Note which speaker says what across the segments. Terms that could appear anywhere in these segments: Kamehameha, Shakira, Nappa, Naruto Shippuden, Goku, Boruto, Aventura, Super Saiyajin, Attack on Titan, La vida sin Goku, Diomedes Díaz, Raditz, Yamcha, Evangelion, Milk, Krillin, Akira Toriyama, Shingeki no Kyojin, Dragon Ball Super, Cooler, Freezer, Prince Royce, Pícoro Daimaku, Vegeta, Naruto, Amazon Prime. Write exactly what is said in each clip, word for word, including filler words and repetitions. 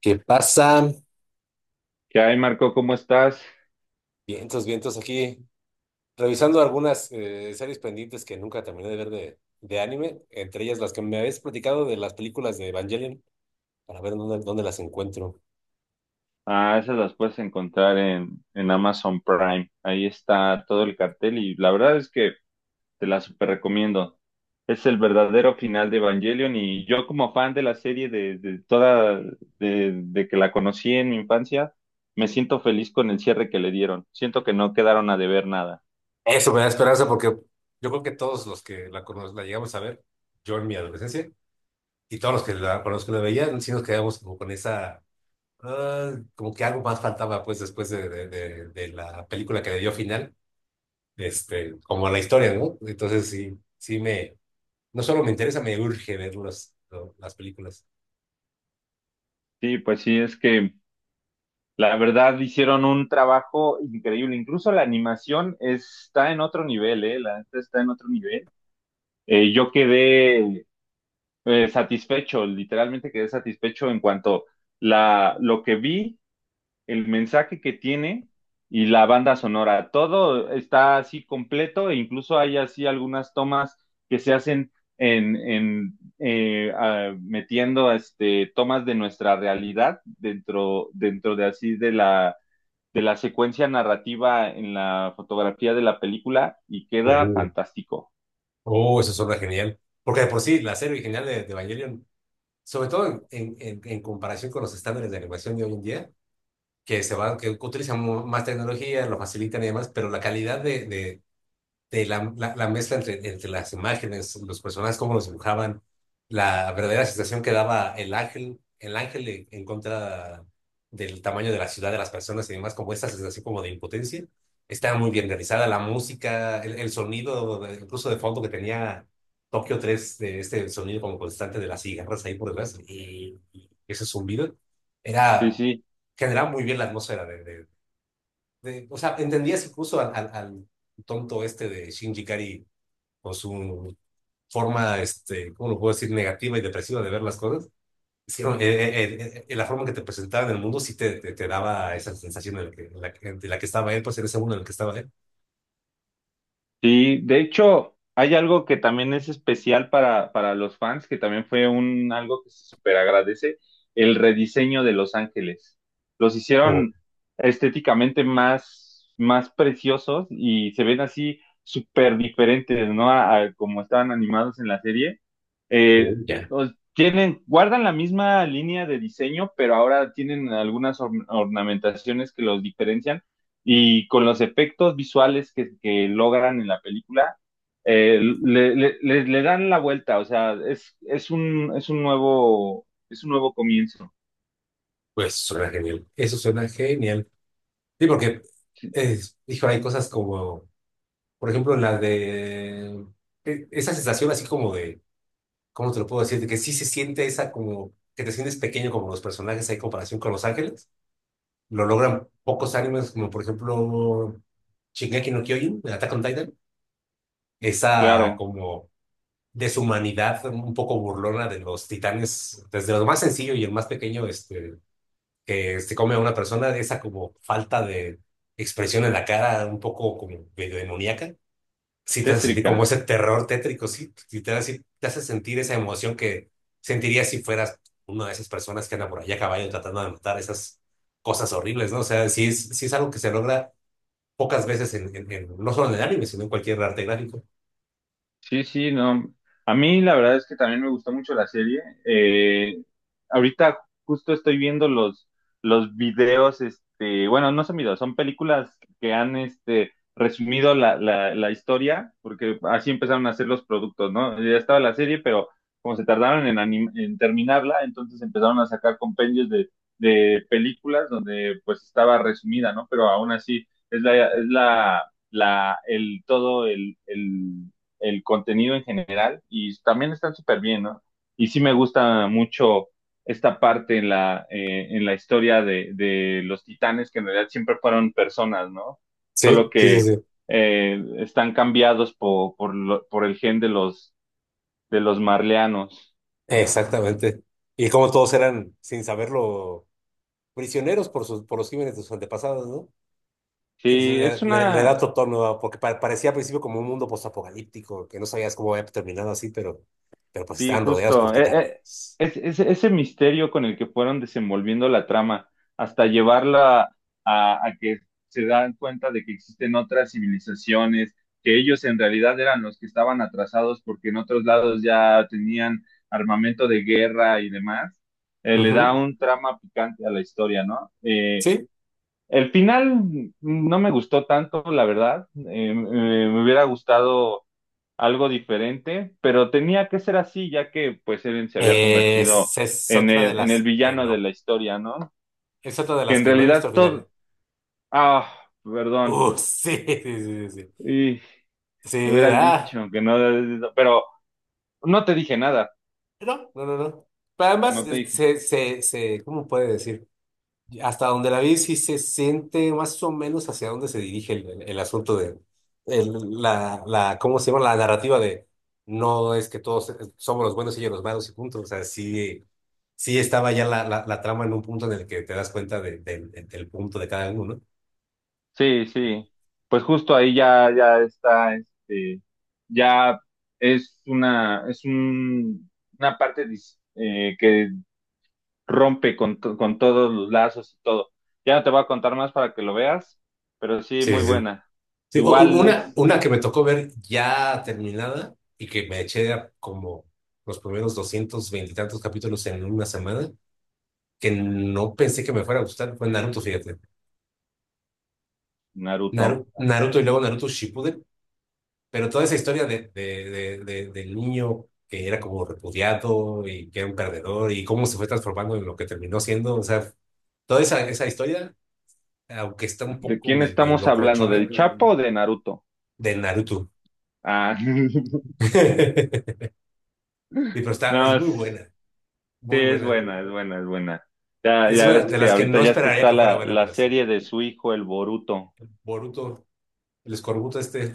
Speaker 1: ¿Qué pasa?
Speaker 2: ¿Qué hay, Marco? ¿Cómo estás?
Speaker 1: Vientos, vientos aquí. Revisando algunas eh, series pendientes que nunca terminé de ver de, de anime, entre ellas las que me habéis platicado de las películas de Evangelion, para ver dónde, dónde las encuentro.
Speaker 2: Ah, esas las puedes encontrar en, en Amazon Prime. Ahí está todo el cartel y la verdad es que te la super recomiendo. Es el verdadero final de Evangelion y yo como fan de la serie de, de toda, de, de que la conocí en mi infancia, me siento feliz con el cierre que le dieron. Siento que no quedaron a deber nada.
Speaker 1: Eso me da esperanza porque yo creo que todos los que la, cono- la llegamos a ver, yo en mi adolescencia, y todos los que la, con los que la veían, sí nos quedamos como con esa, ah, como que algo más faltaba pues después de, de, de- de la película que le dio final, este, como la historia, ¿no? Entonces sí, sí me... No solo me interesa, me urge ver los- lo- las películas.
Speaker 2: Sí, pues sí, es que la verdad hicieron un trabajo increíble. Incluso la animación está en otro nivel, ¿eh? La neta está en otro nivel. Eh, yo quedé eh, satisfecho, literalmente quedé satisfecho en cuanto la, lo que vi, el mensaje que tiene y la banda sonora. Todo está así completo e incluso hay así algunas tomas que se hacen en, en eh, ah, metiendo este, tomas de nuestra realidad dentro, dentro de así de la, de la secuencia narrativa en la fotografía de la película y queda
Speaker 1: Oh,
Speaker 2: fantástico.
Speaker 1: oh, eso suena genial. Porque de por sí, la serie original de, de Evangelion, sobre todo en, en- en- en comparación con los estándares de animación de hoy en día, que se van, que utilizan mu- más tecnología, lo facilitan y demás, pero la calidad de, de, de la, la- la mezcla entre, entre las imágenes, los personajes, cómo los dibujaban, la verdadera sensación que daba el ángel, el ángel en, en contra del tamaño de la ciudad, de las personas y demás, como esta sensación como de impotencia. Estaba muy bien realizada la música, el, el sonido, de- incluso de fondo que tenía Tokio tres, de este sonido como constante de las cigarras ahí por detrás, y, y ese zumbido,
Speaker 2: Sí,
Speaker 1: era,
Speaker 2: sí.
Speaker 1: generaba muy bien la atmósfera de, de de- o sea, entendías incluso al, al- al tonto este de Shinji Kari con su forma, este, ¿cómo lo puedo decir? Negativa y depresiva de ver las cosas. Sí, no, eh, eh, eh, eh, la forma que te presentaban el mundo sí te, te, te daba esa sensación en la que, en la que- de la que estaba él, pues en ese mundo en el que estaba él.
Speaker 2: Sí, de hecho, hay algo que también es especial para, para los fans, que también fue un algo que se super agradece, el rediseño de Los Ángeles. Los
Speaker 1: Oh,
Speaker 2: hicieron estéticamente más, más preciosos y se ven así súper diferentes, ¿no? A, a como estaban animados en la serie.
Speaker 1: oh,
Speaker 2: Eh,
Speaker 1: ya.
Speaker 2: los- tienen, guardan la misma línea de diseño, pero ahora tienen algunas or- ornamentaciones que los diferencian y con los efectos visuales que, que logran en la película, eh, le, le- le- le dan la vuelta, o sea, es, es un, es un nuevo, es un nuevo comienzo,
Speaker 1: Pues suena genial. Eso suena genial. Sí, porque, eh, hijo, hay cosas como, por ejemplo, la de eh, esa sensación así como de ¿cómo te lo puedo decir? De que sí se siente esa como, que te sientes pequeño como los personajes hay comparación con Los Ángeles. Lo logran pocos animes, como por ejemplo Shingeki no Kyojin, de Attack on Titan. Esa
Speaker 2: claro,
Speaker 1: como deshumanidad un poco burlona de los titanes, desde lo más sencillo y el más pequeño, este, que se come a una persona, esa como falta de expresión en la cara, un poco como medio demoníaca sí te hace sentir como
Speaker 2: tétrica.
Speaker 1: ese terror tétrico, sí, sí te hace, sí te hace sentir esa emoción que sentirías si fueras una de esas personas que anda por allá a caballo tratando de matar esas cosas horribles, ¿no? O sea, sí es, sí es algo que se logra pocas veces en, en- en- no solo en el anime, sino en cualquier arte gráfico.
Speaker 2: Sí, sí, no. A mí la verdad es que también me gustó mucho la serie. Eh, ahorita justo estoy viendo los, los videos, este, bueno, no son videos, son películas que han este, resumido la, la, la historia, porque así empezaron a hacer los productos, ¿no? Ya estaba la serie, pero como se tardaron en, anim- en terminarla, entonces empezaron a sacar compendios de, de películas donde pues estaba resumida, ¿no? Pero aún así es la, es la, la, el, todo el, el el contenido en general y también están súper bien, ¿no? Y sí me gusta mucho esta parte en la, eh, en la historia de, de, los titanes, que en realidad siempre fueron personas, ¿no? Solo
Speaker 1: Sí, sí, sí,
Speaker 2: que
Speaker 1: sí.
Speaker 2: eh, están cambiados por, por, lo, por, el gen de los, de los marleanos.
Speaker 1: Exactamente. Y como todos eran, sin saberlo, prisioneros por sus, por los crímenes de sus antepasados, ¿no?
Speaker 2: Sí,
Speaker 1: Le,
Speaker 2: es
Speaker 1: le- le da
Speaker 2: una,
Speaker 1: otro tono, ¿no? Porque pa- parecía al principio como un mundo postapocalíptico, que no sabías cómo había terminado así, pero, pero pues
Speaker 2: Sí,
Speaker 1: estaban rodeados por
Speaker 2: justo. Eh,
Speaker 1: titanes.
Speaker 2: eh, es- es- ese misterio con el que fueron desenvolviendo la trama, hasta llevarla a, a que se dan cuenta de que existen otras civilizaciones, que ellos en realidad eran los que estaban atrasados porque en otros lados ya tenían armamento de guerra y demás, eh, le da
Speaker 1: Ujú.
Speaker 2: un trama picante a la historia, ¿no? Eh,
Speaker 1: Sí.
Speaker 2: el final no me gustó tanto, la verdad. Eh, me me hubiera gustado algo diferente, pero tenía que ser así, ya que pues Eren se había
Speaker 1: Eh,
Speaker 2: convertido
Speaker 1: es, es
Speaker 2: en
Speaker 1: otra de
Speaker 2: el, en el
Speaker 1: las que
Speaker 2: villano de la
Speaker 1: no.
Speaker 2: historia, ¿no?
Speaker 1: Es otra de
Speaker 2: Que
Speaker 1: las
Speaker 2: en
Speaker 1: que no he visto
Speaker 2: realidad
Speaker 1: al final.
Speaker 2: todo... Ah, perdón.
Speaker 1: Uh, sí, sí, sí, sí.
Speaker 2: Y me
Speaker 1: Sí,
Speaker 2: hubieras
Speaker 1: ah,
Speaker 2: dicho que no... Pero no te dije nada,
Speaker 1: no, no, no, no. Pero además,
Speaker 2: no te
Speaker 1: eh,
Speaker 2: dije.
Speaker 1: se, se, se, ¿cómo puede decir? Hasta donde la vi, sí se siente más o menos hacia dónde se dirige el, el- el asunto de el- la, la, ¿cómo se llama? La narrativa de no es que todos somos los buenos y ellos los malos y punto. O sea, sí, sí estaba ya la, la, la trama en un punto en el que te das cuenta de- del del punto de cada uno.
Speaker 2: Sí, sí. Pues justo ahí ya, ya está, este, ya es una, es un, una parte dis- eh, que rompe con, to- con todos los lazos y todo. Ya no te voy a contar más para que lo veas, pero sí,
Speaker 1: Sí,
Speaker 2: muy
Speaker 1: sí, sí.
Speaker 2: buena.
Speaker 1: Sí, u- u-
Speaker 2: Igual
Speaker 1: una,
Speaker 2: es
Speaker 1: una que me tocó ver ya terminada y que me eché a como los primeros doscientos veinte y tantos capítulos en una semana, que no pensé que me fuera a gustar, fue Naruto, fíjate.
Speaker 2: Naruto.
Speaker 1: Naru- Naruto y luego Naruto Shippuden, pero toda esa historia de, de- de- de- del niño que era como repudiado y que era un perdedor y cómo se fue transformando en lo que terminó siendo, o sea, toda esa, esa historia, aunque está un
Speaker 2: ¿De
Speaker 1: poco
Speaker 2: quién
Speaker 1: medio
Speaker 2: estamos hablando?
Speaker 1: locochona,
Speaker 2: ¿Del Chapo o de Naruto?
Speaker 1: de Naruto.
Speaker 2: Ah,
Speaker 1: Y pero está, es
Speaker 2: no, es-
Speaker 1: muy buena,
Speaker 2: sí,
Speaker 1: muy
Speaker 2: es
Speaker 1: buena.
Speaker 2: buena, es buena, es buena. Ya,
Speaker 1: Es
Speaker 2: ya
Speaker 1: una
Speaker 2: ves
Speaker 1: de
Speaker 2: que
Speaker 1: las que
Speaker 2: ahorita
Speaker 1: no
Speaker 2: ya está,
Speaker 1: esperaría
Speaker 2: está
Speaker 1: que fuera
Speaker 2: la,
Speaker 1: buena,
Speaker 2: la
Speaker 1: pero sí.
Speaker 2: serie de su hijo, el Boruto,
Speaker 1: Boruto, el escorbuto este.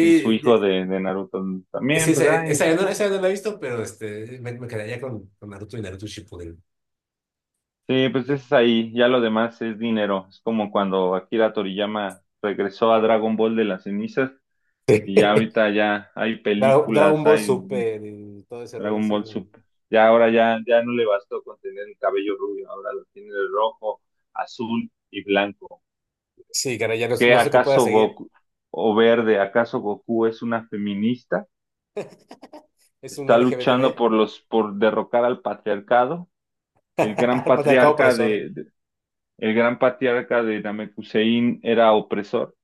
Speaker 2: y su
Speaker 1: ya-
Speaker 2: hijo de, de Naruto
Speaker 1: sí,
Speaker 2: también,
Speaker 1: esa,
Speaker 2: pues ay.
Speaker 1: esa ya no, esa ya no la he visto, pero este, me, me quedaría con, con Naruto y Naruto Shippuden.
Speaker 2: Sí, pues es ahí, ya lo demás es dinero. Es como cuando Akira Toriyama regresó a Dragon Ball de las cenizas. Y ya ahorita ya hay
Speaker 1: Dra- Dragon
Speaker 2: películas,
Speaker 1: Ball
Speaker 2: hay
Speaker 1: Super y todo ese rollo,
Speaker 2: Dragon
Speaker 1: sí.
Speaker 2: Ball Super. Ya ahora ya, ya no le bastó con tener el cabello rubio, ahora lo tiene de rojo, azul y blanco.
Speaker 1: Sí, caray, ya no,
Speaker 2: ¿Qué
Speaker 1: no sé qué pueda
Speaker 2: acaso
Speaker 1: seguir.
Speaker 2: Goku o verde? ¿Acaso Goku es una feminista?
Speaker 1: Es un
Speaker 2: ¿Está luchando
Speaker 1: L G B T B,
Speaker 2: por los, por derrocar al patriarcado? El gran
Speaker 1: patriarcado
Speaker 2: patriarca
Speaker 1: opresor.
Speaker 2: de, de- el gran patriarca de Namekusein era opresor.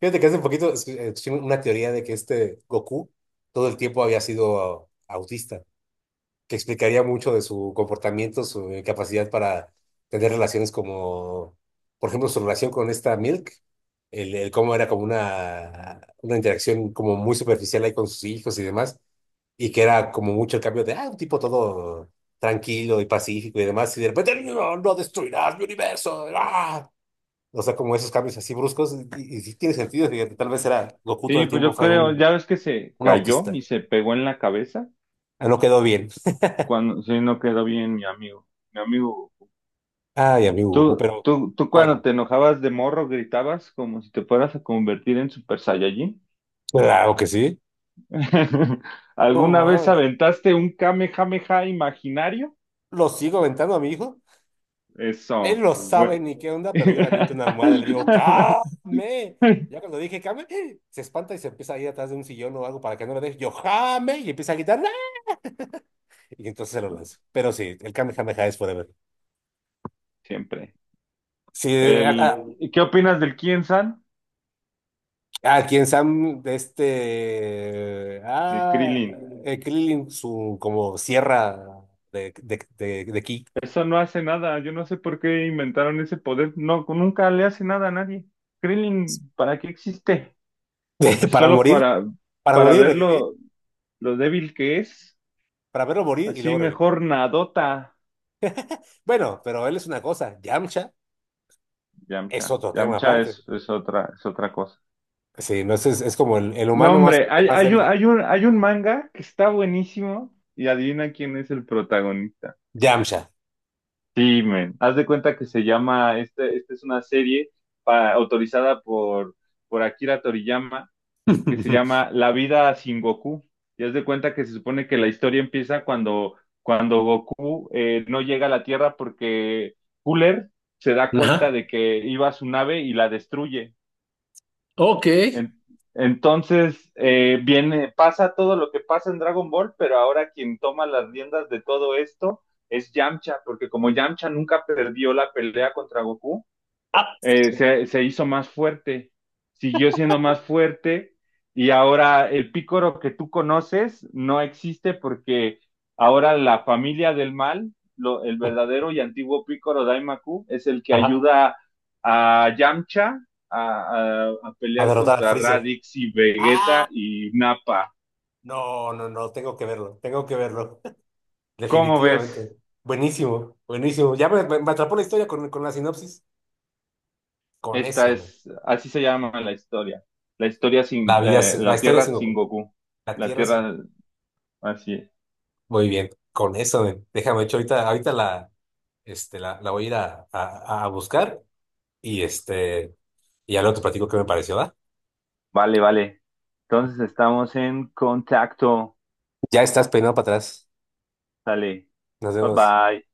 Speaker 1: Fíjate que hace un poquito escu- escuché una teoría de que este Goku todo el tiempo había sido autista, que explicaría mucho de su comportamiento, su eh, capacidad para tener relaciones como, por ejemplo, su relación con esta Milk, el, el cómo era como una, una interacción como muy superficial ahí con sus hijos y demás, y que era como mucho el cambio de, ah, un tipo todo tranquilo y pacífico y demás, y de repente, no, no no destruirás mi universo, ¡ah! O sea, como esos cambios así bruscos, y, y sí tiene sentido, fíjate, tal vez era, Goku todo
Speaker 2: Sí,
Speaker 1: el
Speaker 2: pues
Speaker 1: tiempo
Speaker 2: yo
Speaker 1: fue
Speaker 2: creo, ya
Speaker 1: un,
Speaker 2: ves que se
Speaker 1: un
Speaker 2: cayó
Speaker 1: autista.
Speaker 2: y se pegó en la cabeza.
Speaker 1: Ah, no quedó bien.
Speaker 2: Cuando, sí, no quedó bien mi amigo. Mi amigo,
Speaker 1: Ay, amigo Goku,
Speaker 2: ¿tú,
Speaker 1: pero
Speaker 2: tú, tú cuando
Speaker 1: bueno.
Speaker 2: te enojabas de morro gritabas como si te fueras a convertir en Super Saiyajin?
Speaker 1: Claro que sí. No
Speaker 2: ¿Alguna vez
Speaker 1: mames.
Speaker 2: aventaste un Kamehameha imaginario?
Speaker 1: Lo sigo aventando a mi hijo. Él
Speaker 2: Eso,
Speaker 1: no
Speaker 2: bueno.
Speaker 1: sabe ni qué onda, pero yo le aviento una almohada y le digo, ¡Came! Ya cuando dije, ¡Came! Se espanta y se empieza a ir atrás de un sillón o algo para que no lo deje. Yo, ¡Jame! Y empieza a gritar, ¡Ah! Y entonces se lo lanzo. Pero sí, el Kame Kame Kame es forever.
Speaker 2: Siempre.
Speaker 1: Sí, a,
Speaker 2: El,
Speaker 1: a-
Speaker 2: ¿qué opinas del Kien San?
Speaker 1: a quien Sam, de este.
Speaker 2: El
Speaker 1: Ah,
Speaker 2: Krillin.
Speaker 1: eh, Krillin, su como sierra de, de, de, de ki.
Speaker 2: Eso no hace nada. Yo no sé por qué inventaron ese poder. No, nunca le hace nada a nadie. Krillin, ¿para qué existe?
Speaker 1: Para
Speaker 2: Solo
Speaker 1: morir,
Speaker 2: para,
Speaker 1: para
Speaker 2: para
Speaker 1: morir,
Speaker 2: ver
Speaker 1: revivir,
Speaker 2: lo, lo débil que es.
Speaker 1: para verlo morir y
Speaker 2: Así
Speaker 1: luego revivir.
Speaker 2: mejor Nadota.
Speaker 1: Bueno, pero él es una cosa, Yamcha es
Speaker 2: Yamcha.
Speaker 1: otro tema
Speaker 2: Yamcha
Speaker 1: aparte.
Speaker 2: es, es otra, es otra cosa.
Speaker 1: Sí, no es, es, es como el, el
Speaker 2: No,
Speaker 1: humano más,
Speaker 2: hombre, hay,
Speaker 1: más
Speaker 2: hay, un-
Speaker 1: débil.
Speaker 2: hay un, hay un manga que está buenísimo y adivina quién es el protagonista.
Speaker 1: Yamcha.
Speaker 2: Sí, men. Haz de cuenta que se llama, este, esta es una serie pa- autorizada por, por Akira Toriyama que se llama La vida sin Goku. Y haz de cuenta que se supone que la historia empieza cuando, cuando Goku eh, no llega a la Tierra porque Cooler se da cuenta de que iba a su nave y la destruye.
Speaker 1: Ok.
Speaker 2: En- entonces, eh, viene, pasa todo lo que pasa en Dragon Ball, pero ahora quien toma las riendas de todo esto es Yamcha, porque como Yamcha nunca perdió la pelea contra Goku,
Speaker 1: Ah.
Speaker 2: eh, se, se hizo más fuerte, siguió siendo más fuerte y ahora el pícoro que tú conoces no existe porque ahora la familia del mal, lo- el verdadero y antiguo pícoro Daimaku, es el que
Speaker 1: Ajá.
Speaker 2: ayuda a Yamcha a, a- a
Speaker 1: A
Speaker 2: pelear
Speaker 1: derrotar a
Speaker 2: contra
Speaker 1: Freezer.
Speaker 2: Raditz y
Speaker 1: Ah,
Speaker 2: Vegeta y Nappa.
Speaker 1: no, no, no, tengo que verlo, tengo que verlo.
Speaker 2: ¿Cómo ves?
Speaker 1: Definitivamente. Buenísimo, buenísimo. Ya me, me- me atrapó la historia con, con la sinopsis. Con
Speaker 2: Esta
Speaker 1: eso, men.
Speaker 2: es, así se llama la historia. La historia sin,
Speaker 1: La vida,
Speaker 2: eh,
Speaker 1: sin- la
Speaker 2: la
Speaker 1: historia
Speaker 2: Tierra
Speaker 1: sin
Speaker 2: sin
Speaker 1: Goku.
Speaker 2: Goku.
Speaker 1: La
Speaker 2: La
Speaker 1: tierra sin
Speaker 2: Tierra,
Speaker 1: Goku.
Speaker 2: así es.
Speaker 1: Muy bien, con eso, men. Déjame, de hecho, ahorita, ahorita la, este, la, la voy a ir a, a- a buscar y este, y ya luego te platico qué me pareció, ¿va?
Speaker 2: Vale, vale. Entonces estamos en contacto.
Speaker 1: Ya estás peinado para atrás.
Speaker 2: Dale.
Speaker 1: Nos
Speaker 2: Bye
Speaker 1: vemos.
Speaker 2: bye.